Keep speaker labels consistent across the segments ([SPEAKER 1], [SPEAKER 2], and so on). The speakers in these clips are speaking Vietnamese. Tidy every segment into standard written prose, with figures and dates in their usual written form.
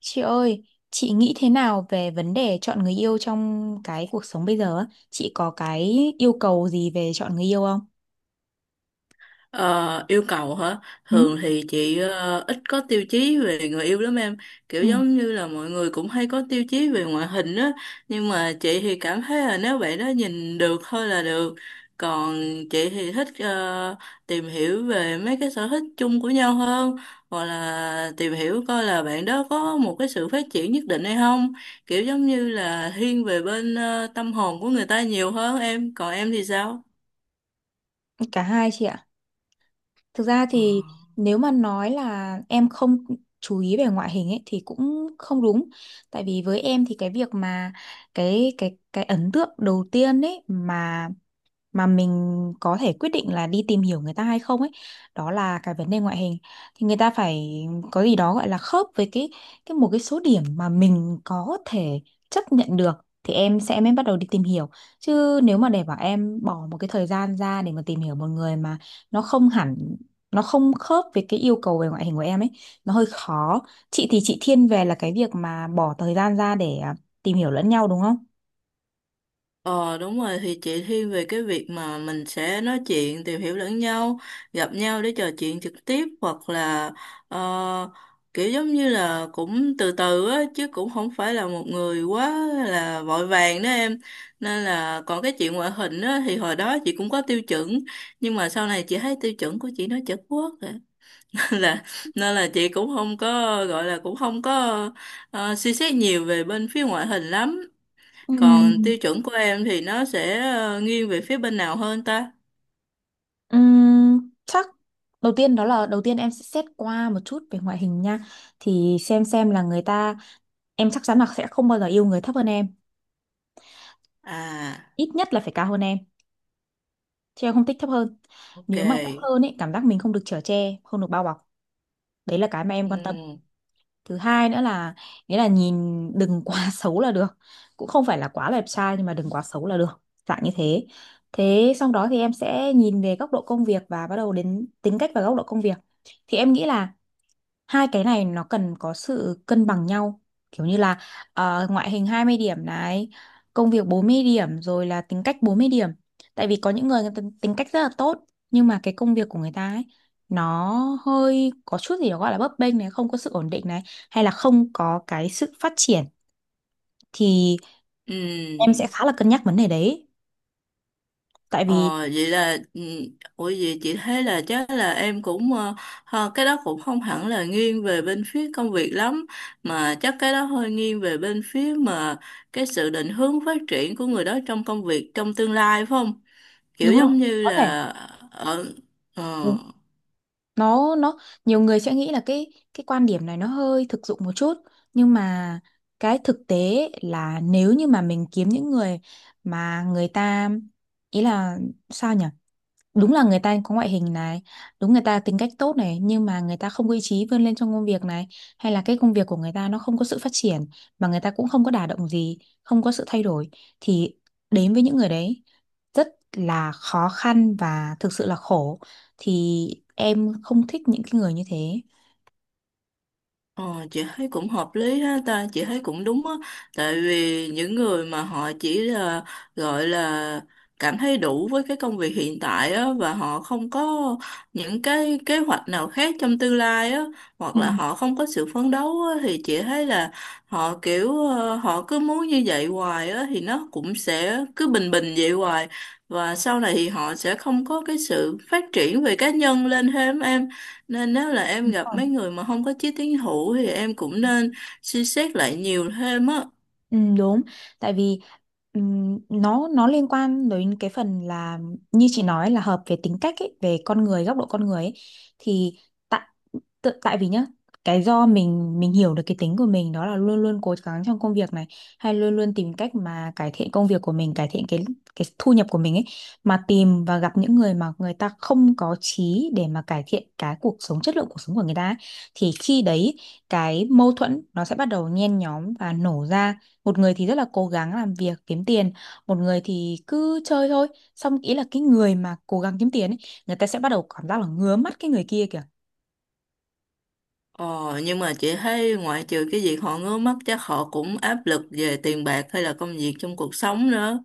[SPEAKER 1] Chị ơi, chị nghĩ thế nào về vấn đề chọn người yêu trong cái cuộc sống bây giờ á? Chị có cái yêu cầu gì về chọn người yêu không?
[SPEAKER 2] Ờ, yêu cầu hả?
[SPEAKER 1] Ừ.
[SPEAKER 2] Thường thì chị ít có tiêu chí về người yêu lắm em. Kiểu
[SPEAKER 1] Ừ,
[SPEAKER 2] giống như là mọi người cũng hay có tiêu chí về ngoại hình á. Nhưng mà chị thì cảm thấy là nếu bạn đó nhìn được thôi là được. Còn chị thì thích tìm hiểu về mấy cái sở thích chung của nhau hơn. Hoặc là tìm hiểu coi là bạn đó có một cái sự phát triển nhất định hay không. Kiểu giống như là thiên về bên tâm hồn của người ta nhiều hơn em. Còn em thì sao?
[SPEAKER 1] cả hai chị ạ. Thực ra
[SPEAKER 2] Ờ.
[SPEAKER 1] thì nếu mà nói là em không chú ý về ngoại hình ấy thì cũng không đúng. Tại vì với em thì cái việc mà cái ấn tượng đầu tiên ấy mà mình có thể quyết định là đi tìm hiểu người ta hay không ấy, đó là cái vấn đề ngoại hình, thì người ta phải có gì đó gọi là khớp với cái một cái số điểm mà mình có thể chấp nhận được thì em sẽ mới bắt đầu đi tìm hiểu. Chứ nếu mà để bảo em bỏ một cái thời gian ra để mà tìm hiểu một người mà nó không hẳn, nó không khớp với cái yêu cầu về ngoại hình của em ấy, nó hơi khó. Chị thiên về là cái việc mà bỏ thời gian ra để tìm hiểu lẫn nhau đúng không?
[SPEAKER 2] Ờ, đúng rồi, thì chị thiên về cái việc mà mình sẽ nói chuyện tìm hiểu lẫn nhau, gặp nhau để trò chuyện trực tiếp, hoặc là ờ, kiểu giống như là cũng từ từ á, chứ cũng không phải là một người quá là vội vàng đó em. Nên là còn cái chuyện ngoại hình á, thì hồi đó chị cũng có tiêu chuẩn, nhưng mà sau này chị thấy tiêu chuẩn của chị nó chật quốc rồi là, nên là chị cũng không có, gọi là cũng không có suy xét nhiều về bên phía ngoại hình lắm.
[SPEAKER 1] Ừ.
[SPEAKER 2] Còn tiêu chuẩn của em thì nó sẽ nghiêng về phía bên nào hơn ta?
[SPEAKER 1] Chắc đầu tiên đó là đầu tiên em sẽ xét qua một chút về ngoại hình nha, thì xem là người ta, em chắc chắn là sẽ không bao giờ yêu người thấp hơn em,
[SPEAKER 2] À,
[SPEAKER 1] ít nhất là phải cao hơn em, chứ em không thích thấp hơn.
[SPEAKER 2] ok.
[SPEAKER 1] Nếu mà thấp hơn ấy cảm giác mình không được chở che, không được bao bọc, đấy là cái mà em
[SPEAKER 2] Ừ.
[SPEAKER 1] quan tâm. Thứ hai nữa là, nghĩa là nhìn đừng quá xấu là được, cũng không phải là quá đẹp trai nhưng mà đừng quá xấu là được, dạng như thế. Thế xong đó thì em sẽ nhìn về góc độ công việc và bắt đầu đến tính cách và góc độ công việc, thì em nghĩ là hai cái này nó cần có sự cân bằng nhau, kiểu như là ngoại hình 20 điểm này, công việc 40 điểm, rồi là tính cách 40 điểm. Tại vì có những người, người ta tính cách rất là tốt nhưng mà cái công việc của người ta ấy, nó hơi có chút gì đó gọi là bấp bênh này, không có sự ổn định này, hay là không có cái sự phát triển, thì em
[SPEAKER 2] Ừ.
[SPEAKER 1] sẽ khá là cân nhắc vấn đề đấy. Tại vì
[SPEAKER 2] Ờ, vậy là ừ. Ủa, vậy chị thấy là chắc là em cũng cái đó cũng không hẳn là nghiêng về bên phía công việc lắm, mà chắc cái đó hơi nghiêng về bên phía mà cái sự định hướng phát triển của người đó trong công việc trong tương lai, phải không? Kiểu
[SPEAKER 1] đúng
[SPEAKER 2] giống
[SPEAKER 1] không,
[SPEAKER 2] như
[SPEAKER 1] có thể
[SPEAKER 2] là. Ở ờ
[SPEAKER 1] nó nhiều người sẽ nghĩ là cái quan điểm này nó hơi thực dụng một chút, nhưng mà cái thực tế là nếu như mà mình kiếm những người mà người ta, ý là sao nhỉ, đúng là người ta có ngoại hình này, đúng người ta tính cách tốt này, nhưng mà người ta không có ý chí vươn lên trong công việc này, hay là cái công việc của người ta nó không có sự phát triển, mà người ta cũng không có đả động gì, không có sự thay đổi, thì đến với những người đấy rất là khó khăn và thực sự là khổ, thì em không thích những cái người như thế.
[SPEAKER 2] Ờ, chị thấy cũng hợp lý ha ta, chị thấy cũng đúng á. Tại vì những người mà họ chỉ là, gọi là, cảm thấy đủ với cái công việc hiện tại á, và họ không có những cái kế hoạch nào khác trong tương lai á, hoặc
[SPEAKER 1] Ừ.
[SPEAKER 2] là họ không có sự phấn đấu á, thì chị thấy là họ kiểu họ cứ muốn như vậy hoài á, thì nó cũng sẽ cứ bình bình vậy hoài, và sau này thì họ sẽ không có cái sự phát triển về cá nhân lên thêm em. Nên nếu là em
[SPEAKER 1] Đúng
[SPEAKER 2] gặp
[SPEAKER 1] rồi.
[SPEAKER 2] mấy người mà không có chí tiến thủ thì em cũng nên suy xét lại nhiều thêm á.
[SPEAKER 1] Ừ, đúng. Tại vì nó liên quan đến cái phần là, như chị nói là hợp về tính cách ấy, về con người, góc độ con người ấy. Thì tại tại vì nhá, cái do mình hiểu được cái tính của mình đó là luôn luôn cố gắng trong công việc này, hay luôn luôn tìm cách mà cải thiện công việc của mình, cải thiện cái thu nhập của mình ấy, mà tìm và gặp những người mà người ta không có chí để mà cải thiện cái cuộc sống, chất lượng cuộc sống của người ta ấy, thì khi đấy cái mâu thuẫn nó sẽ bắt đầu nhen nhóm và nổ ra. Một người thì rất là cố gắng làm việc kiếm tiền, một người thì cứ chơi thôi, xong ý là cái người mà cố gắng kiếm tiền ấy, người ta sẽ bắt đầu cảm giác là ngứa mắt cái người kia kìa.
[SPEAKER 2] Ờ, nhưng mà chị thấy ngoại trừ cái việc họ ngứa mắt, chắc họ cũng áp lực về tiền bạc hay là công việc trong cuộc sống nữa.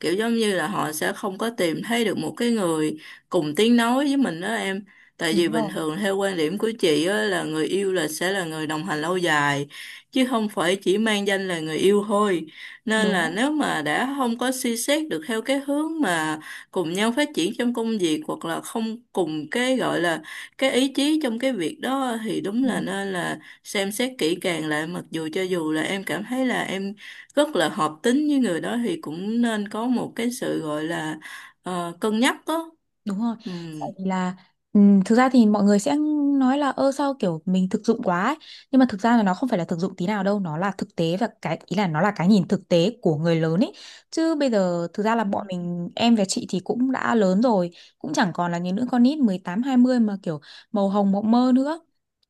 [SPEAKER 2] Kiểu giống như là họ sẽ không có tìm thấy được một cái người cùng tiếng nói với mình đó em. Tại vì
[SPEAKER 1] Đúng
[SPEAKER 2] bình
[SPEAKER 1] rồi.
[SPEAKER 2] thường theo quan điểm của chị á, là người yêu là sẽ là người đồng hành lâu dài, chứ không phải chỉ mang danh là người yêu thôi. Nên là
[SPEAKER 1] Đúng
[SPEAKER 2] nếu mà đã không có suy xét được theo cái hướng mà cùng nhau phát triển trong công việc, hoặc là không cùng cái gọi là cái ý chí trong cái việc đó, thì đúng
[SPEAKER 1] rồi.
[SPEAKER 2] là nên là xem xét kỹ càng lại, mặc dù cho dù là em cảm thấy là em rất là hợp tính với người đó, thì cũng nên có một cái sự gọi là cân nhắc đó.
[SPEAKER 1] Đúng rồi.
[SPEAKER 2] Ừ.
[SPEAKER 1] Tại vì là, thực ra thì mọi người sẽ nói là ơ sao kiểu mình thực dụng quá ấy. Nhưng mà thực ra là nó không phải là thực dụng tí nào đâu, nó là thực tế, và cái ý là nó là cái nhìn thực tế của người lớn ấy. Chứ bây giờ thực ra là bọn mình, em và chị thì cũng đã lớn rồi, cũng chẳng còn là những đứa con nít 18 20 mà kiểu màu hồng mộng mơ nữa.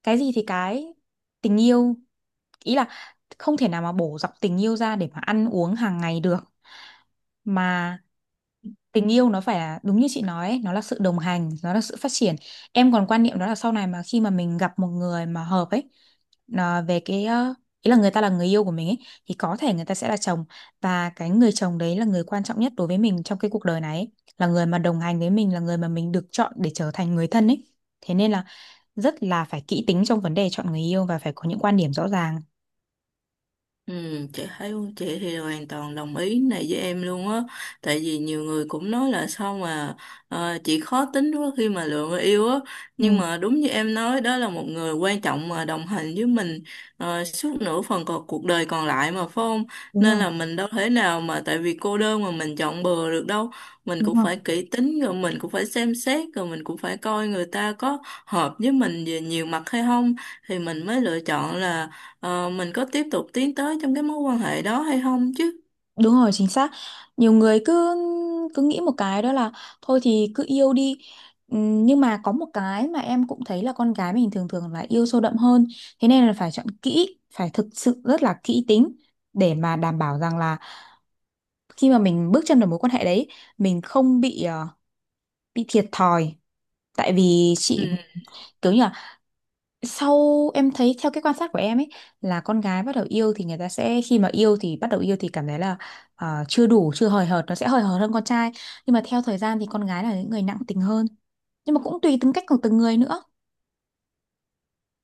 [SPEAKER 1] Cái gì thì cái, tình yêu, ý là không thể nào mà bổ dọc tình yêu ra để mà ăn uống hàng ngày được. Mà tình yêu nó phải là đúng như chị nói ấy, nó là sự đồng hành, nó là sự phát triển. Em còn quan niệm đó là sau này mà khi mà mình gặp một người mà hợp ấy, nó về cái ý là người ta là người yêu của mình ấy, thì có thể người ta sẽ là chồng, và cái người chồng đấy là người quan trọng nhất đối với mình trong cái cuộc đời này ấy. Là người mà đồng hành với mình, là người mà mình được chọn để trở thành người thân ấy, thế nên là rất là phải kỹ tính trong vấn đề chọn người yêu và phải có những quan điểm rõ ràng.
[SPEAKER 2] Ừ, chị thấy chị thì hoàn toàn đồng ý này với em luôn á. Tại vì nhiều người cũng nói là sao mà chị khó tính quá khi mà lựa người yêu á,
[SPEAKER 1] Ừ,
[SPEAKER 2] nhưng mà đúng như em nói, đó là một người quan trọng mà đồng hành với mình suốt nửa phần còn cuộc đời còn lại mà, phải không?
[SPEAKER 1] đúng
[SPEAKER 2] Nên
[SPEAKER 1] rồi,
[SPEAKER 2] là mình đâu thể nào mà tại vì cô đơn mà mình chọn bừa được đâu. Mình
[SPEAKER 1] đúng
[SPEAKER 2] cũng
[SPEAKER 1] rồi.
[SPEAKER 2] phải kỹ tính, rồi mình cũng phải xem xét, rồi mình cũng phải coi người ta có hợp với mình về nhiều mặt hay không, thì mình mới lựa chọn là mình có tiếp tục tiến tới trong cái mối quan hệ đó hay không chứ.
[SPEAKER 1] Đúng rồi, chính xác. Nhiều người cứ cứ nghĩ một cái đó là thôi thì cứ yêu đi. Nhưng mà có một cái mà em cũng thấy là con gái mình thường thường là yêu sâu đậm hơn. Thế nên là phải chọn kỹ, phải thực sự rất là kỹ tính để mà đảm bảo rằng là khi mà mình bước chân vào mối quan hệ đấy, mình không bị bị thiệt thòi. Tại vì chị,
[SPEAKER 2] Ừ.
[SPEAKER 1] kiểu như, sau em thấy theo cái quan sát của em ấy, là con gái bắt đầu yêu thì người ta sẽ, khi mà yêu thì bắt đầu yêu thì cảm thấy là chưa đủ, chưa hời hợt, nó sẽ hời hợt hơn con trai, nhưng mà theo thời gian thì con gái là những người nặng tình hơn, nhưng mà cũng tùy tính cách của từng người nữa.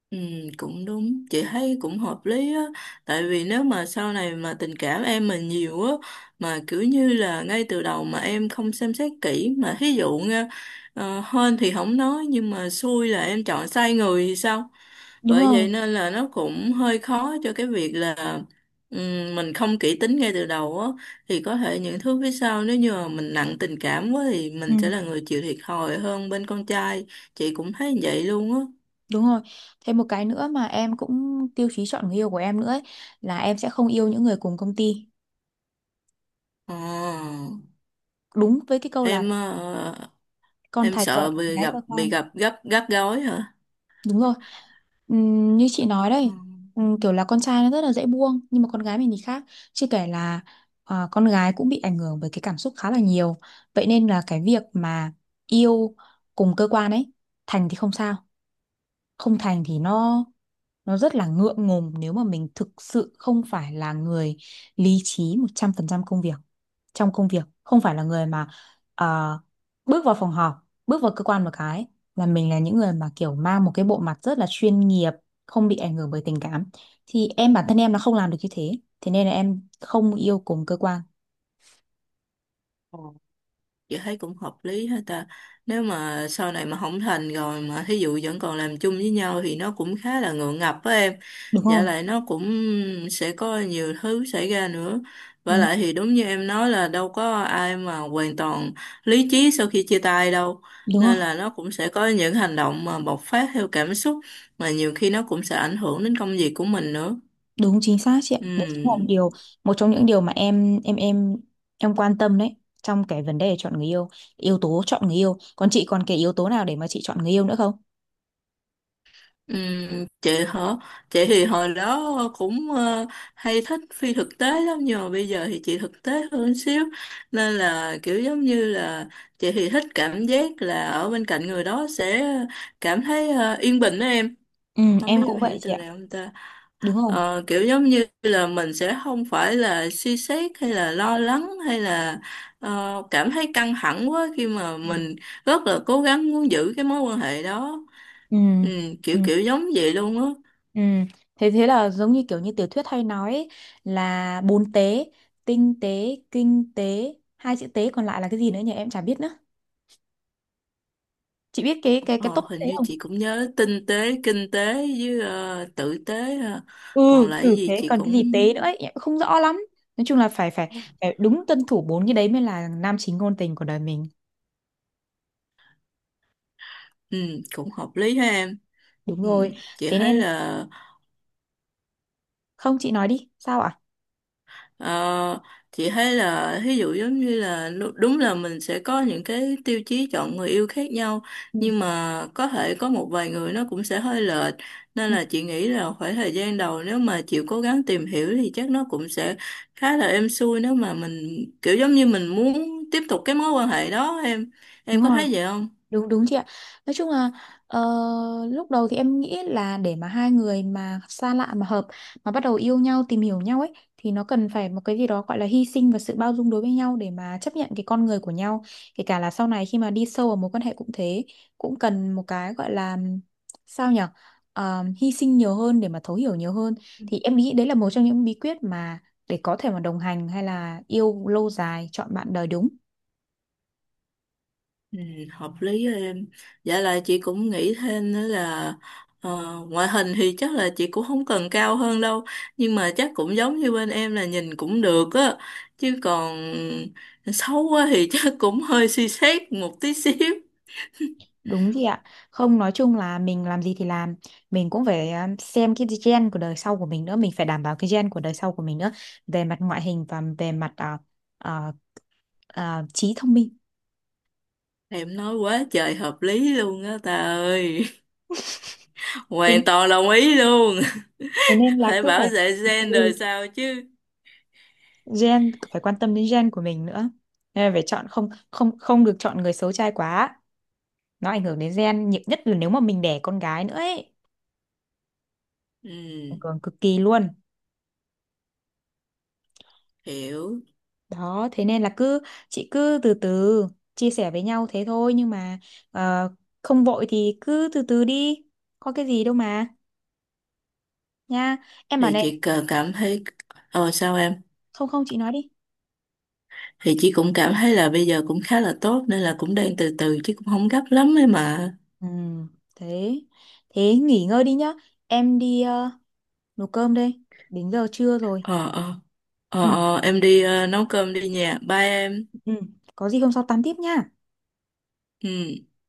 [SPEAKER 2] Ừ, cũng đúng, chị thấy cũng hợp lý á. Tại vì nếu mà sau này mà tình cảm em mà nhiều á, mà kiểu như là ngay từ đầu mà em không xem xét kỹ, mà thí dụ nha, hên thì không nói, nhưng mà xui là em chọn sai người thì sao?
[SPEAKER 1] Đúng
[SPEAKER 2] Bởi
[SPEAKER 1] không?
[SPEAKER 2] vậy nên là nó cũng hơi khó cho cái việc là mình không kỹ tính ngay từ đầu á, thì có thể những thứ phía sau, nếu như mà mình nặng tình cảm quá, thì mình sẽ
[SPEAKER 1] Ừ,
[SPEAKER 2] là người chịu thiệt thòi hơn bên con trai. Chị cũng thấy vậy luôn á.
[SPEAKER 1] đúng rồi. Thêm một cái nữa mà em cũng tiêu chí chọn người yêu của em nữa ấy, là em sẽ không yêu những người cùng công ty,
[SPEAKER 2] Ờ,
[SPEAKER 1] đúng với cái câu
[SPEAKER 2] em
[SPEAKER 1] là
[SPEAKER 2] ờ,
[SPEAKER 1] con
[SPEAKER 2] em
[SPEAKER 1] thạch vợ
[SPEAKER 2] sợ
[SPEAKER 1] bạn
[SPEAKER 2] bị
[SPEAKER 1] gái
[SPEAKER 2] gặp
[SPEAKER 1] cơ
[SPEAKER 2] bị
[SPEAKER 1] quan.
[SPEAKER 2] gặp gấp gắt gối hả?
[SPEAKER 1] Đúng rồi. Như chị nói
[SPEAKER 2] Ừ.
[SPEAKER 1] đây, kiểu là con trai nó rất là dễ buông, nhưng mà con gái mình thì khác. Chưa kể là à, con gái cũng bị ảnh hưởng bởi cái cảm xúc khá là nhiều. Vậy nên là cái việc mà yêu cùng cơ quan ấy, thành thì không sao, không thành thì nó rất là ngượng ngùng, nếu mà mình thực sự không phải là người lý trí 100% công việc, trong công việc không phải là người mà ờ, bước vào phòng họp, bước vào cơ quan một cái là mình là những người mà kiểu mang một cái bộ mặt rất là chuyên nghiệp, không bị ảnh hưởng bởi tình cảm, thì em bản thân em nó không làm được như thế, thế nên là em không yêu cùng cơ quan.
[SPEAKER 2] Ờ. Chị thấy cũng hợp lý hết ta. Nếu mà sau này mà không thành rồi mà thí dụ vẫn còn làm chung với nhau thì nó cũng khá là ngượng ngập với em.
[SPEAKER 1] Đúng
[SPEAKER 2] Dạ,
[SPEAKER 1] rồi.
[SPEAKER 2] lại nó cũng sẽ có nhiều thứ xảy ra nữa, và
[SPEAKER 1] Đúng rồi.
[SPEAKER 2] lại thì đúng như em nói, là đâu có ai mà hoàn toàn lý trí sau khi chia tay đâu.
[SPEAKER 1] Đúng rồi.
[SPEAKER 2] Nên là nó cũng sẽ có những hành động mà bộc phát theo cảm xúc, mà nhiều khi nó cũng sẽ ảnh hưởng đến công việc của mình nữa.
[SPEAKER 1] Đúng chính xác chị ạ. Đấy chính là
[SPEAKER 2] Ừ.
[SPEAKER 1] điều, một trong những điều mà em quan tâm đấy, trong cái vấn đề chọn người yêu, yếu tố chọn người yêu. Còn chị còn cái yếu tố nào để mà chị chọn người yêu nữa không?
[SPEAKER 2] Ừ, chị hả? Chị thì hồi đó cũng hay thích phi thực tế lắm, nhưng mà bây giờ thì chị thực tế hơn xíu. Nên là kiểu giống như là chị thì thích cảm giác là ở bên cạnh người đó sẽ cảm thấy yên bình đó em.
[SPEAKER 1] Ừ,
[SPEAKER 2] Không
[SPEAKER 1] em
[SPEAKER 2] biết em
[SPEAKER 1] cũng vậy
[SPEAKER 2] hiểu
[SPEAKER 1] chị
[SPEAKER 2] từ
[SPEAKER 1] ạ.
[SPEAKER 2] nào không ta?
[SPEAKER 1] Đúng rồi.
[SPEAKER 2] Ờ, kiểu giống như là mình sẽ không phải là suy xét, hay là lo lắng, hay là cảm thấy căng thẳng quá khi mà
[SPEAKER 1] Ừ.
[SPEAKER 2] mình rất là cố gắng muốn giữ cái mối quan hệ đó.
[SPEAKER 1] Ừ.
[SPEAKER 2] Ừ, kiểu
[SPEAKER 1] Ừ.
[SPEAKER 2] kiểu giống vậy luôn á.
[SPEAKER 1] Ừ. Thế thế là giống như kiểu như tiểu thuyết hay nói ấy, là bốn tế: tinh tế, kinh tế, hai chữ tế còn lại là cái gì nữa nhỉ? Em chả biết nữa. Chị biết cái
[SPEAKER 2] Ờ,
[SPEAKER 1] tốt tế
[SPEAKER 2] hình như
[SPEAKER 1] không?
[SPEAKER 2] chị cũng nhớ tinh tế, kinh tế với tử tế ha.
[SPEAKER 1] Ừ.
[SPEAKER 2] Còn lại
[SPEAKER 1] Ừ,
[SPEAKER 2] gì
[SPEAKER 1] thế
[SPEAKER 2] chị
[SPEAKER 1] còn cái
[SPEAKER 2] cũng
[SPEAKER 1] gì tế nữa ấy em cũng không rõ lắm. Nói chung là phải phải phải đúng tuân thủ bốn cái đấy mới là nam chính ngôn tình của đời mình.
[SPEAKER 2] ừ, cũng hợp lý ha em.
[SPEAKER 1] Đúng
[SPEAKER 2] Ừ,
[SPEAKER 1] rồi.
[SPEAKER 2] chị
[SPEAKER 1] Thế
[SPEAKER 2] thấy
[SPEAKER 1] nên,
[SPEAKER 2] là
[SPEAKER 1] không chị nói đi sao ạ.
[SPEAKER 2] Ờ, chị thấy là, ví dụ giống như là đúng là mình sẽ có những cái tiêu chí chọn người yêu khác nhau,
[SPEAKER 1] Ừ.
[SPEAKER 2] nhưng mà có thể có một vài người nó cũng sẽ hơi lệch. Nên
[SPEAKER 1] Ừ,
[SPEAKER 2] là chị nghĩ là khoảng thời gian đầu nếu mà chịu cố gắng tìm hiểu thì chắc nó cũng sẽ khá là êm xuôi, nếu mà mình kiểu giống như mình muốn tiếp tục cái mối quan hệ đó em.
[SPEAKER 1] đúng
[SPEAKER 2] Em có
[SPEAKER 1] rồi.
[SPEAKER 2] thấy vậy không?
[SPEAKER 1] Đúng đúng chị ạ. Nói chung là ờ, lúc đầu thì em nghĩ là để mà hai người mà xa lạ mà hợp mà bắt đầu yêu nhau, tìm hiểu nhau ấy, thì nó cần phải một cái gì đó gọi là hy sinh và sự bao dung đối với nhau để mà chấp nhận cái con người của nhau. Kể cả là sau này khi mà đi sâu vào mối quan hệ cũng thế, cũng cần một cái gọi là, sao nhở, ờ, hy sinh nhiều hơn để mà thấu hiểu nhiều hơn, thì em nghĩ đấy là một trong những bí quyết mà để có thể mà đồng hành hay là yêu lâu dài, chọn bạn đời đúng.
[SPEAKER 2] Ừ, hợp lý đó em. Dạ, là chị cũng nghĩ thêm nữa là ngoại hình thì chắc là chị cũng không cần cao hơn đâu, nhưng mà chắc cũng giống như bên em, là nhìn cũng được á, chứ còn xấu quá thì chắc cũng hơi suy xét một tí xíu.
[SPEAKER 1] Đúng chị ạ. Không nói chung là mình làm gì thì làm, mình cũng phải xem cái gen của đời sau của mình nữa, mình phải đảm bảo cái gen của đời sau của mình nữa về mặt ngoại hình và về mặt à, trí thông minh.
[SPEAKER 2] Em nói quá trời hợp lý luôn á ta ơi.
[SPEAKER 1] Thế,
[SPEAKER 2] Hoàn toàn đồng ý luôn.
[SPEAKER 1] thế nên là
[SPEAKER 2] Phải
[SPEAKER 1] cứ
[SPEAKER 2] bảo
[SPEAKER 1] phải,
[SPEAKER 2] vệ gen đời
[SPEAKER 1] ừ,
[SPEAKER 2] sao chứ.
[SPEAKER 1] gen, phải quan tâm đến gen của mình nữa. Nên là phải chọn, không không không được chọn người xấu trai quá. Nó ảnh hưởng đến gen, nhiều nhất là nếu mà mình đẻ con gái nữa ấy, ảnh
[SPEAKER 2] Ừ,
[SPEAKER 1] hưởng cực kỳ luôn.
[SPEAKER 2] hiểu.
[SPEAKER 1] Đó, thế nên là cứ, chị cứ từ từ chia sẻ với nhau thế thôi, nhưng mà ờ, không vội thì cứ từ từ đi. Có cái gì đâu mà, nha. Em bảo
[SPEAKER 2] Thì
[SPEAKER 1] này,
[SPEAKER 2] chị cần cảm thấy. Sao em?
[SPEAKER 1] không không chị nói đi.
[SPEAKER 2] Thì chị cũng cảm thấy là bây giờ cũng khá là tốt, nên là cũng đang từ từ, chứ cũng không gấp lắm ấy mà.
[SPEAKER 1] Ừ, thế thế nghỉ ngơi đi nhá. Em đi nấu cơm đây. Đến giờ trưa rồi.
[SPEAKER 2] Ờ, ờ. Ờ,
[SPEAKER 1] Ừ,
[SPEAKER 2] ờ, em đi nấu cơm đi nha, bye em.
[SPEAKER 1] ừ. Có gì hôm sau tám tiếp nha.
[SPEAKER 2] Ừ.